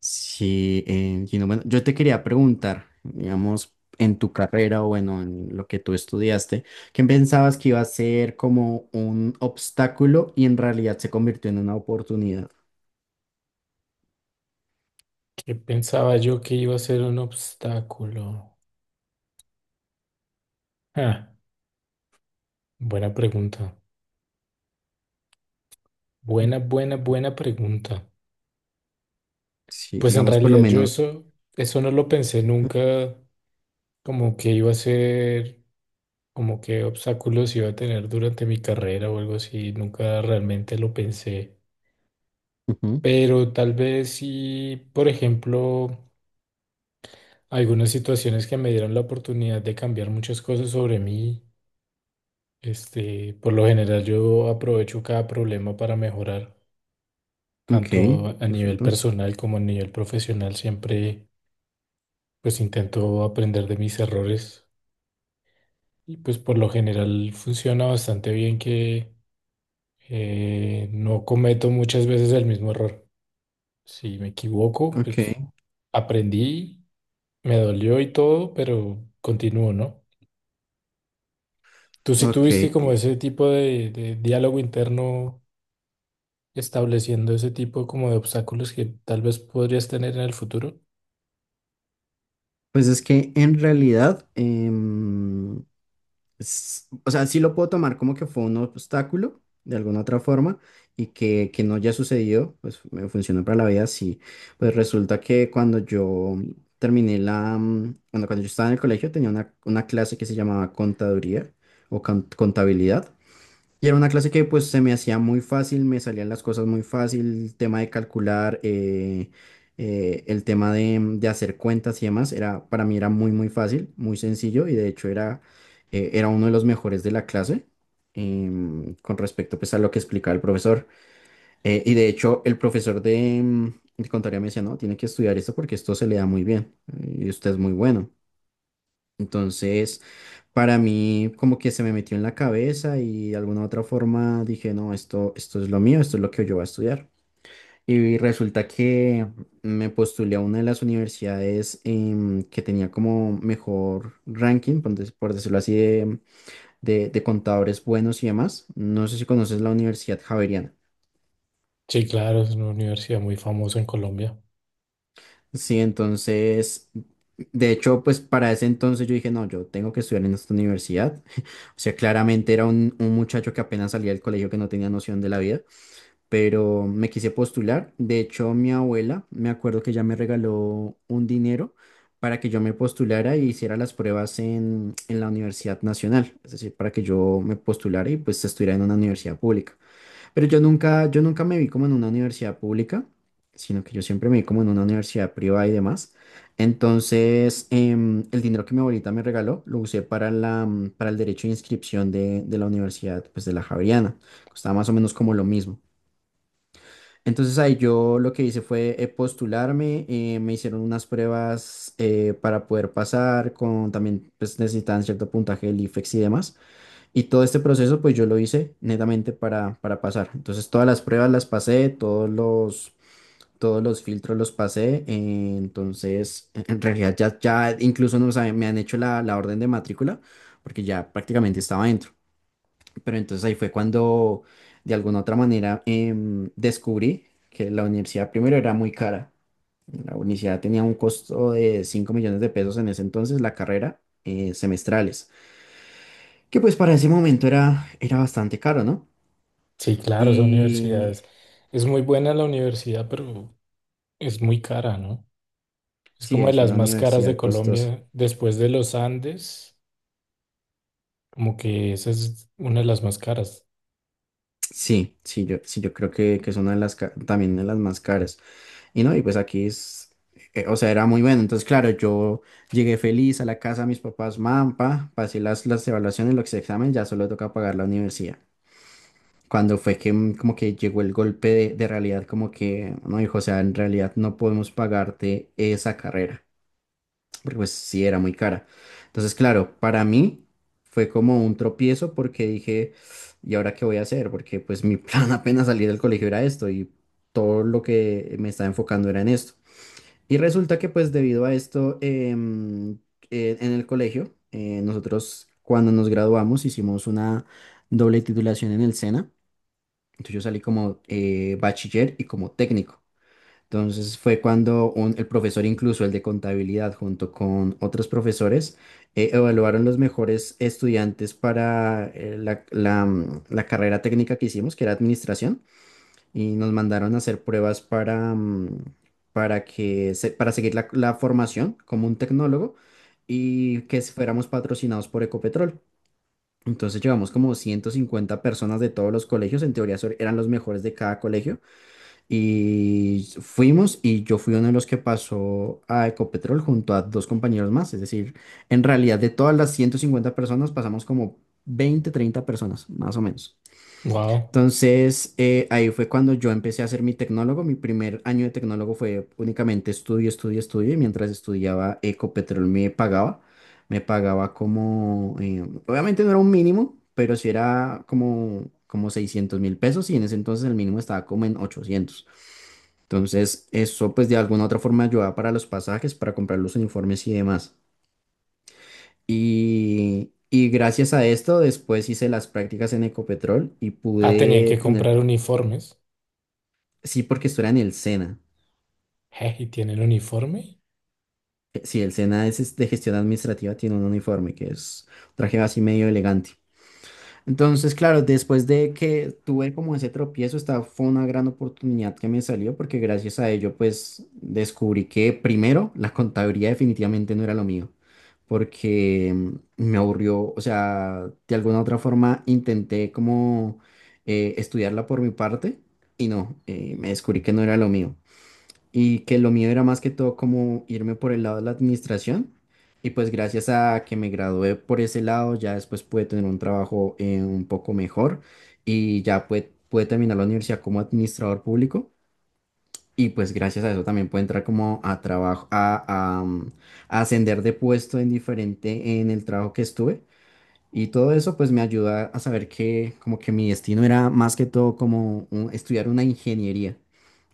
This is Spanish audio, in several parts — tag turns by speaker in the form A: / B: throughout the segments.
A: Sí, Gino, bueno, yo te quería preguntar, digamos, en tu carrera o bueno, en lo que tú estudiaste, ¿qué pensabas que iba a ser como un obstáculo y en realidad se convirtió en una oportunidad?
B: ¿Qué pensaba yo que iba a ser un obstáculo? Ah, buena pregunta. Buena pregunta.
A: Sí,
B: Pues en
A: digamos, por lo
B: realidad yo
A: menos.
B: eso, eso no lo pensé nunca, como que iba a ser, como que obstáculos iba a tener durante mi carrera o algo así. Nunca realmente lo pensé.
A: Ujú.
B: Pero tal vez sí, por ejemplo, algunas situaciones que me dieron la oportunidad de cambiar muchas cosas sobre mí. Este, por lo general yo aprovecho cada problema para mejorar,
A: Ok,
B: tanto a nivel
A: perfecto.
B: personal como a nivel profesional. Siempre pues intento aprender de mis errores, y pues por lo general funciona bastante bien que no cometo muchas veces el mismo error. Si me equivoco,
A: Ok,
B: pues aprendí, me dolió y todo, pero continúo, ¿no? ¿Tú sí
A: ok.
B: tuviste como ese tipo de diálogo interno estableciendo ese tipo como de obstáculos que tal vez podrías tener en el futuro?
A: Pues es que en realidad, o sea, sí lo puedo tomar como que fue un obstáculo de alguna otra forma y que no haya sucedido, pues me funcionó para la vida, sí. Pues resulta que cuando yo terminé bueno, cuando yo estaba en el colegio tenía una clase que se llamaba contaduría o contabilidad. Y era una clase que pues se me hacía muy fácil, me salían las cosas muy fácil, el tema de calcular, el tema de, de hacer cuentas y demás, era, para mí era muy muy fácil, muy sencillo y de hecho era, era uno de los mejores de la clase, con respecto pues a lo que explicaba el profesor. Y de hecho el profesor de, de contaría me decía, no, tiene que estudiar esto porque esto se le da muy bien, y usted es muy bueno. Entonces para mí como que se me metió en la cabeza y de alguna otra forma dije, no, esto es lo mío, esto es lo que yo voy a estudiar. Y resulta que me postulé a una de las universidades, que tenía como mejor ranking, por por decirlo así, de contadores buenos y demás. No sé si conoces la Universidad Javeriana.
B: Sí, claro, es una universidad muy famosa en Colombia.
A: Sí, entonces, de hecho, pues para ese entonces yo dije, no, yo tengo que estudiar en esta universidad. O sea, claramente era un muchacho que apenas salía del colegio que no tenía noción de la vida, pero me quise postular. De hecho, mi abuela, me acuerdo que ella me regaló un dinero para que yo me postulara y hiciera las pruebas en la Universidad Nacional, es decir, para que yo me postulara y pues estuviera en una universidad pública. Pero yo nunca me vi como en una universidad pública, sino que yo siempre me vi como en una universidad privada y demás. Entonces, el dinero que mi abuelita me regaló lo usé para para el derecho de inscripción de la universidad, pues de la Javeriana. Costaba más o menos como lo mismo. Entonces ahí yo lo que hice fue, postularme, me hicieron unas pruebas, para poder pasar, con también pues necesitaban cierto puntaje del IFEX y demás. Y todo este proceso pues yo lo hice netamente para pasar. Entonces todas las pruebas las pasé, todos los filtros los pasé. Entonces en realidad ya incluso no, o sea, me han hecho la orden de matrícula porque ya prácticamente estaba dentro. Pero entonces ahí fue cuando de alguna otra manera, descubrí que la universidad primero era muy cara. La universidad tenía un costo de 5 millones de pesos en ese entonces, la carrera, semestrales, que pues para ese momento era, era bastante caro, ¿no?
B: Sí, claro, esa universidad
A: Y
B: es muy buena la universidad, pero es muy cara, ¿no? Es
A: sí,
B: como de
A: es
B: las
A: una
B: más caras de
A: universidad costosa.
B: Colombia después de los Andes, como que esa es una de las más caras.
A: Sí, sí, yo, sí, yo creo que es una de las, también de las más caras. Y no, y pues aquí es, o sea, era muy bueno. Entonces, claro, yo llegué feliz a la casa de mis papás, mampa, pasé las evaluaciones, los exámenes, ya solo toca pagar la universidad. Cuando fue que como que llegó el golpe de realidad, como que, no, hijo, o sea, en realidad no podemos pagarte esa carrera, porque pues sí era muy cara. Entonces, claro, para mí fue como un tropiezo porque dije, ¿y ahora qué voy a hacer? Porque pues mi plan apenas salir del colegio era esto y todo lo que me estaba enfocando era en esto. Y resulta que pues debido a esto, en el colegio, nosotros cuando nos graduamos hicimos una doble titulación en el SENA. Entonces yo salí como, bachiller y como técnico. Entonces fue cuando el profesor, incluso el de contabilidad, junto con otros profesores, evaluaron los mejores estudiantes para, la carrera técnica que hicimos, que era administración y nos mandaron a hacer pruebas para que para seguir la formación como un tecnólogo y que fuéramos patrocinados por Ecopetrol. Entonces llevamos como 150 personas de todos los colegios, en teoría eran los mejores de cada colegio, y fuimos y yo fui uno de los que pasó a Ecopetrol junto a dos compañeros más, es decir, en realidad de todas las 150 personas pasamos como 20 o 30 personas, más o menos.
B: Wow.
A: Entonces, ahí fue cuando yo empecé a ser mi tecnólogo. Mi primer año de tecnólogo fue únicamente estudio, estudio, estudio. Y mientras estudiaba, Ecopetrol me pagaba. Me pagaba como, obviamente no era un mínimo, pero sí era como, como 600.000 pesos. Y en ese entonces el mínimo estaba como en ochocientos. Entonces, eso pues de alguna u otra forma ayudaba para los pasajes, para comprar los uniformes y demás. Y gracias a esto, después hice las prácticas en Ecopetrol y
B: Ah, tenían
A: pude
B: que
A: tener.
B: comprar uniformes.
A: Sí, porque esto era en el SENA.
B: Je, ¿y tienen uniforme?
A: Sí, el SENA es de gestión administrativa, tiene un uniforme que es un traje así medio elegante. Entonces, claro, después de que tuve como ese tropiezo, esta fue una gran oportunidad que me salió porque gracias a ello, pues descubrí que primero la contabilidad definitivamente no era lo mío, porque me aburrió, o sea, de alguna u otra forma intenté como, estudiarla por mi parte y no, me descubrí que no era lo mío, y que lo mío era más que todo como irme por el lado de la administración. Y pues gracias a que me gradué por ese lado, ya después pude tener un trabajo, un poco mejor y ya pude terminar la universidad como administrador público. Y pues gracias a eso también pude entrar como a trabajo, a ascender de puesto en diferente en el trabajo que estuve. Y todo eso pues me ayuda a saber que como que mi destino era más que todo como estudiar una ingeniería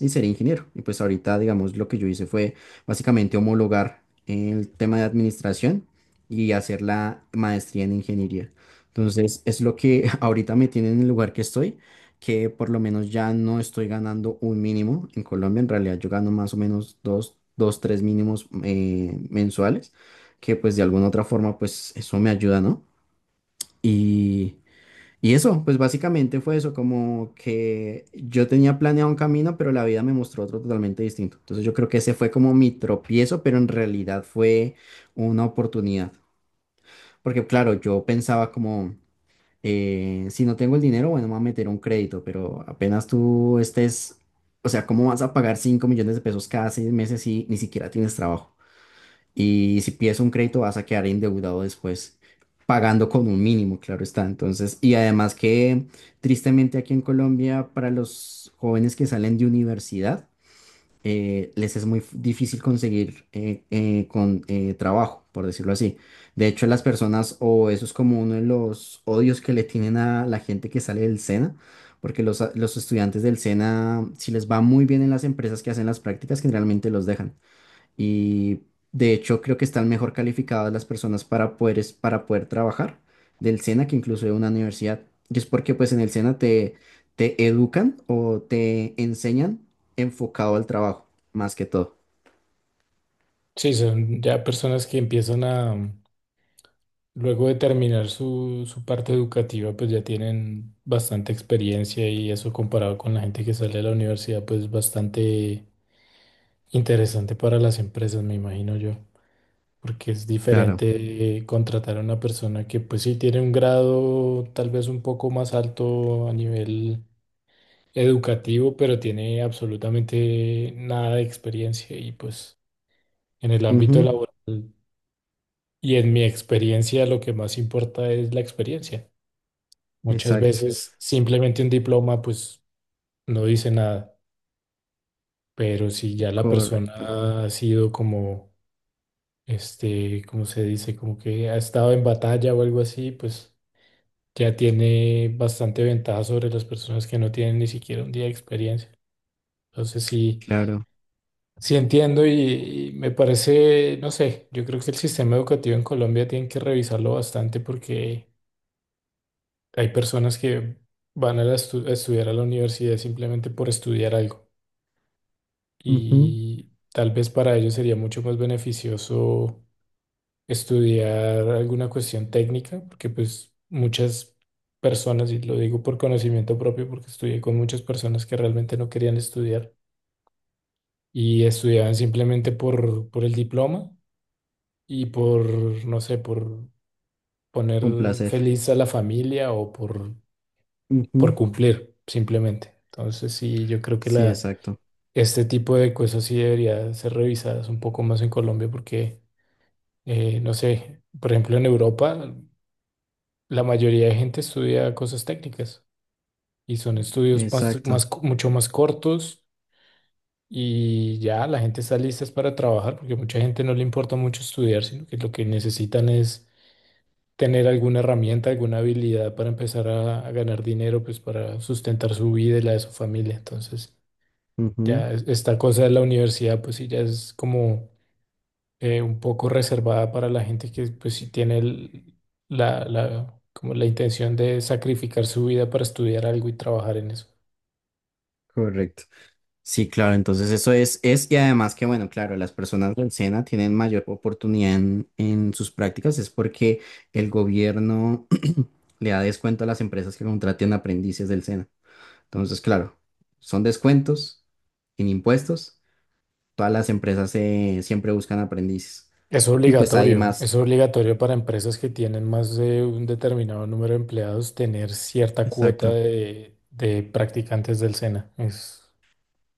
A: y ser ingeniero. Y pues ahorita, digamos, lo que yo hice fue básicamente homologar el tema de administración y hacer la maestría en ingeniería. Entonces, es lo que ahorita me tiene en el lugar que estoy, que por lo menos ya no estoy ganando un mínimo en Colombia. En realidad, yo gano más o menos tres mínimos, mensuales, que pues de alguna u otra forma, pues eso me ayuda, ¿no? Y... Y eso, pues básicamente fue eso, como que yo tenía planeado un camino, pero la vida me mostró otro totalmente distinto. Entonces yo creo que ese fue como mi tropiezo, pero en realidad fue una oportunidad. Porque claro, yo pensaba como, si no tengo el dinero, bueno, me voy a meter un crédito, pero apenas tú estés, o sea, ¿cómo vas a pagar 5 millones de pesos cada 6 meses si ni siquiera tienes trabajo? Y si pides un crédito vas a quedar endeudado después, pagando con un mínimo, claro está. Entonces, y además que tristemente aquí en Colombia, para los jóvenes que salen de universidad, les es muy difícil conseguir, trabajo, por decirlo así. De hecho, las personas, o eso es como uno de los odios que le tienen a la gente que sale del SENA, porque los estudiantes del SENA, si les va muy bien en las empresas que hacen las prácticas, generalmente los dejan y de hecho creo que están mejor calificadas las personas para poder, para poder trabajar del SENA que incluso de una universidad. Y es porque pues en el SENA te educan o te enseñan enfocado al trabajo, más que todo.
B: Sí, son ya personas que empiezan a, luego de terminar su, su parte educativa, pues ya tienen bastante experiencia, y eso comparado con la gente que sale de la universidad, pues es bastante interesante para las empresas, me imagino yo, porque es
A: Claro.
B: diferente contratar a una persona que pues sí tiene un grado tal vez un poco más alto a nivel educativo, pero tiene absolutamente nada de experiencia y pues en el ámbito
A: Ujú.
B: laboral. Y en mi experiencia lo que más importa es la experiencia. Muchas
A: Exacto.
B: veces simplemente un diploma pues no dice nada, pero si ya la persona
A: Correcto.
B: ha sido como, este, ¿cómo se dice? Como que ha estado en batalla o algo así, pues ya tiene bastante ventaja sobre las personas que no tienen ni siquiera un día de experiencia. Entonces sí,
A: Claro.
B: sí entiendo, y me parece, no sé, yo creo que el sistema educativo en Colombia tienen que revisarlo bastante, porque hay personas que van a, la estu- a estudiar a la universidad simplemente por estudiar algo,
A: Ujú.
B: y tal vez para ellos sería mucho más beneficioso estudiar alguna cuestión técnica, porque pues muchas personas, y lo digo por conocimiento propio, porque estudié con muchas personas que realmente no querían estudiar y estudiaban simplemente por el diploma y por, no sé, por poner
A: Con placer.
B: feliz a la familia o por
A: Ujú.
B: cumplir, simplemente. Entonces sí, yo creo que
A: Sí,
B: la...
A: exacto.
B: Este tipo de cosas sí debería ser revisadas un poco más en Colombia, porque no sé, por ejemplo, en Europa la mayoría de gente estudia cosas técnicas, y son estudios
A: Exacto.
B: mucho más cortos, y ya la gente está lista es para trabajar, porque mucha gente no le importa mucho estudiar, sino que lo que necesitan es tener alguna herramienta, alguna habilidad para empezar a ganar dinero, pues para sustentar su vida y la de su familia. Entonces,
A: Ujú.
B: ya es- esta cosa de la universidad, pues sí, ya es como un poco reservada para la gente que pues sí tiene el- como la intención de sacrificar su vida para estudiar algo y trabajar en eso.
A: Correcto. Sí, claro, entonces eso es, y además que bueno, claro, las personas del SENA tienen mayor oportunidad en sus prácticas, es porque el gobierno le da descuento a las empresas que contraten aprendices del SENA. Entonces, claro, son descuentos en impuestos, todas las empresas, siempre buscan aprendices. Y pues hay
B: Es
A: más,
B: obligatorio para empresas que tienen más de un determinado número de empleados tener cierta cuota
A: exacto.
B: de practicantes del SENA.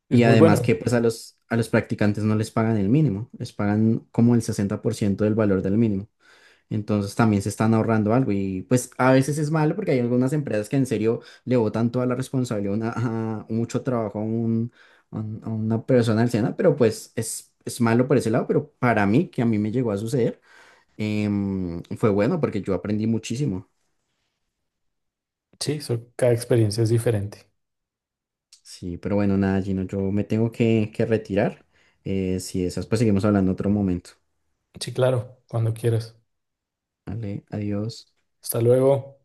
B: Es
A: Y
B: muy
A: además
B: bueno.
A: que pues a a los practicantes no les pagan el mínimo, les pagan como el 60% del valor del mínimo. Entonces también se están ahorrando algo y pues a veces es malo porque hay algunas empresas que en serio le botan toda la responsabilidad, a mucho trabajo a una persona anciana, pero pues es malo por ese lado, pero para mí, que a mí me llegó a suceder, fue bueno porque yo aprendí muchísimo.
B: Sí, so- cada experiencia es diferente.
A: Sí, pero bueno, nada, Gino, yo me tengo que retirar. Si esas, pues seguimos hablando otro momento.
B: Sí, claro, cuando quieras.
A: Vale, adiós.
B: Hasta luego.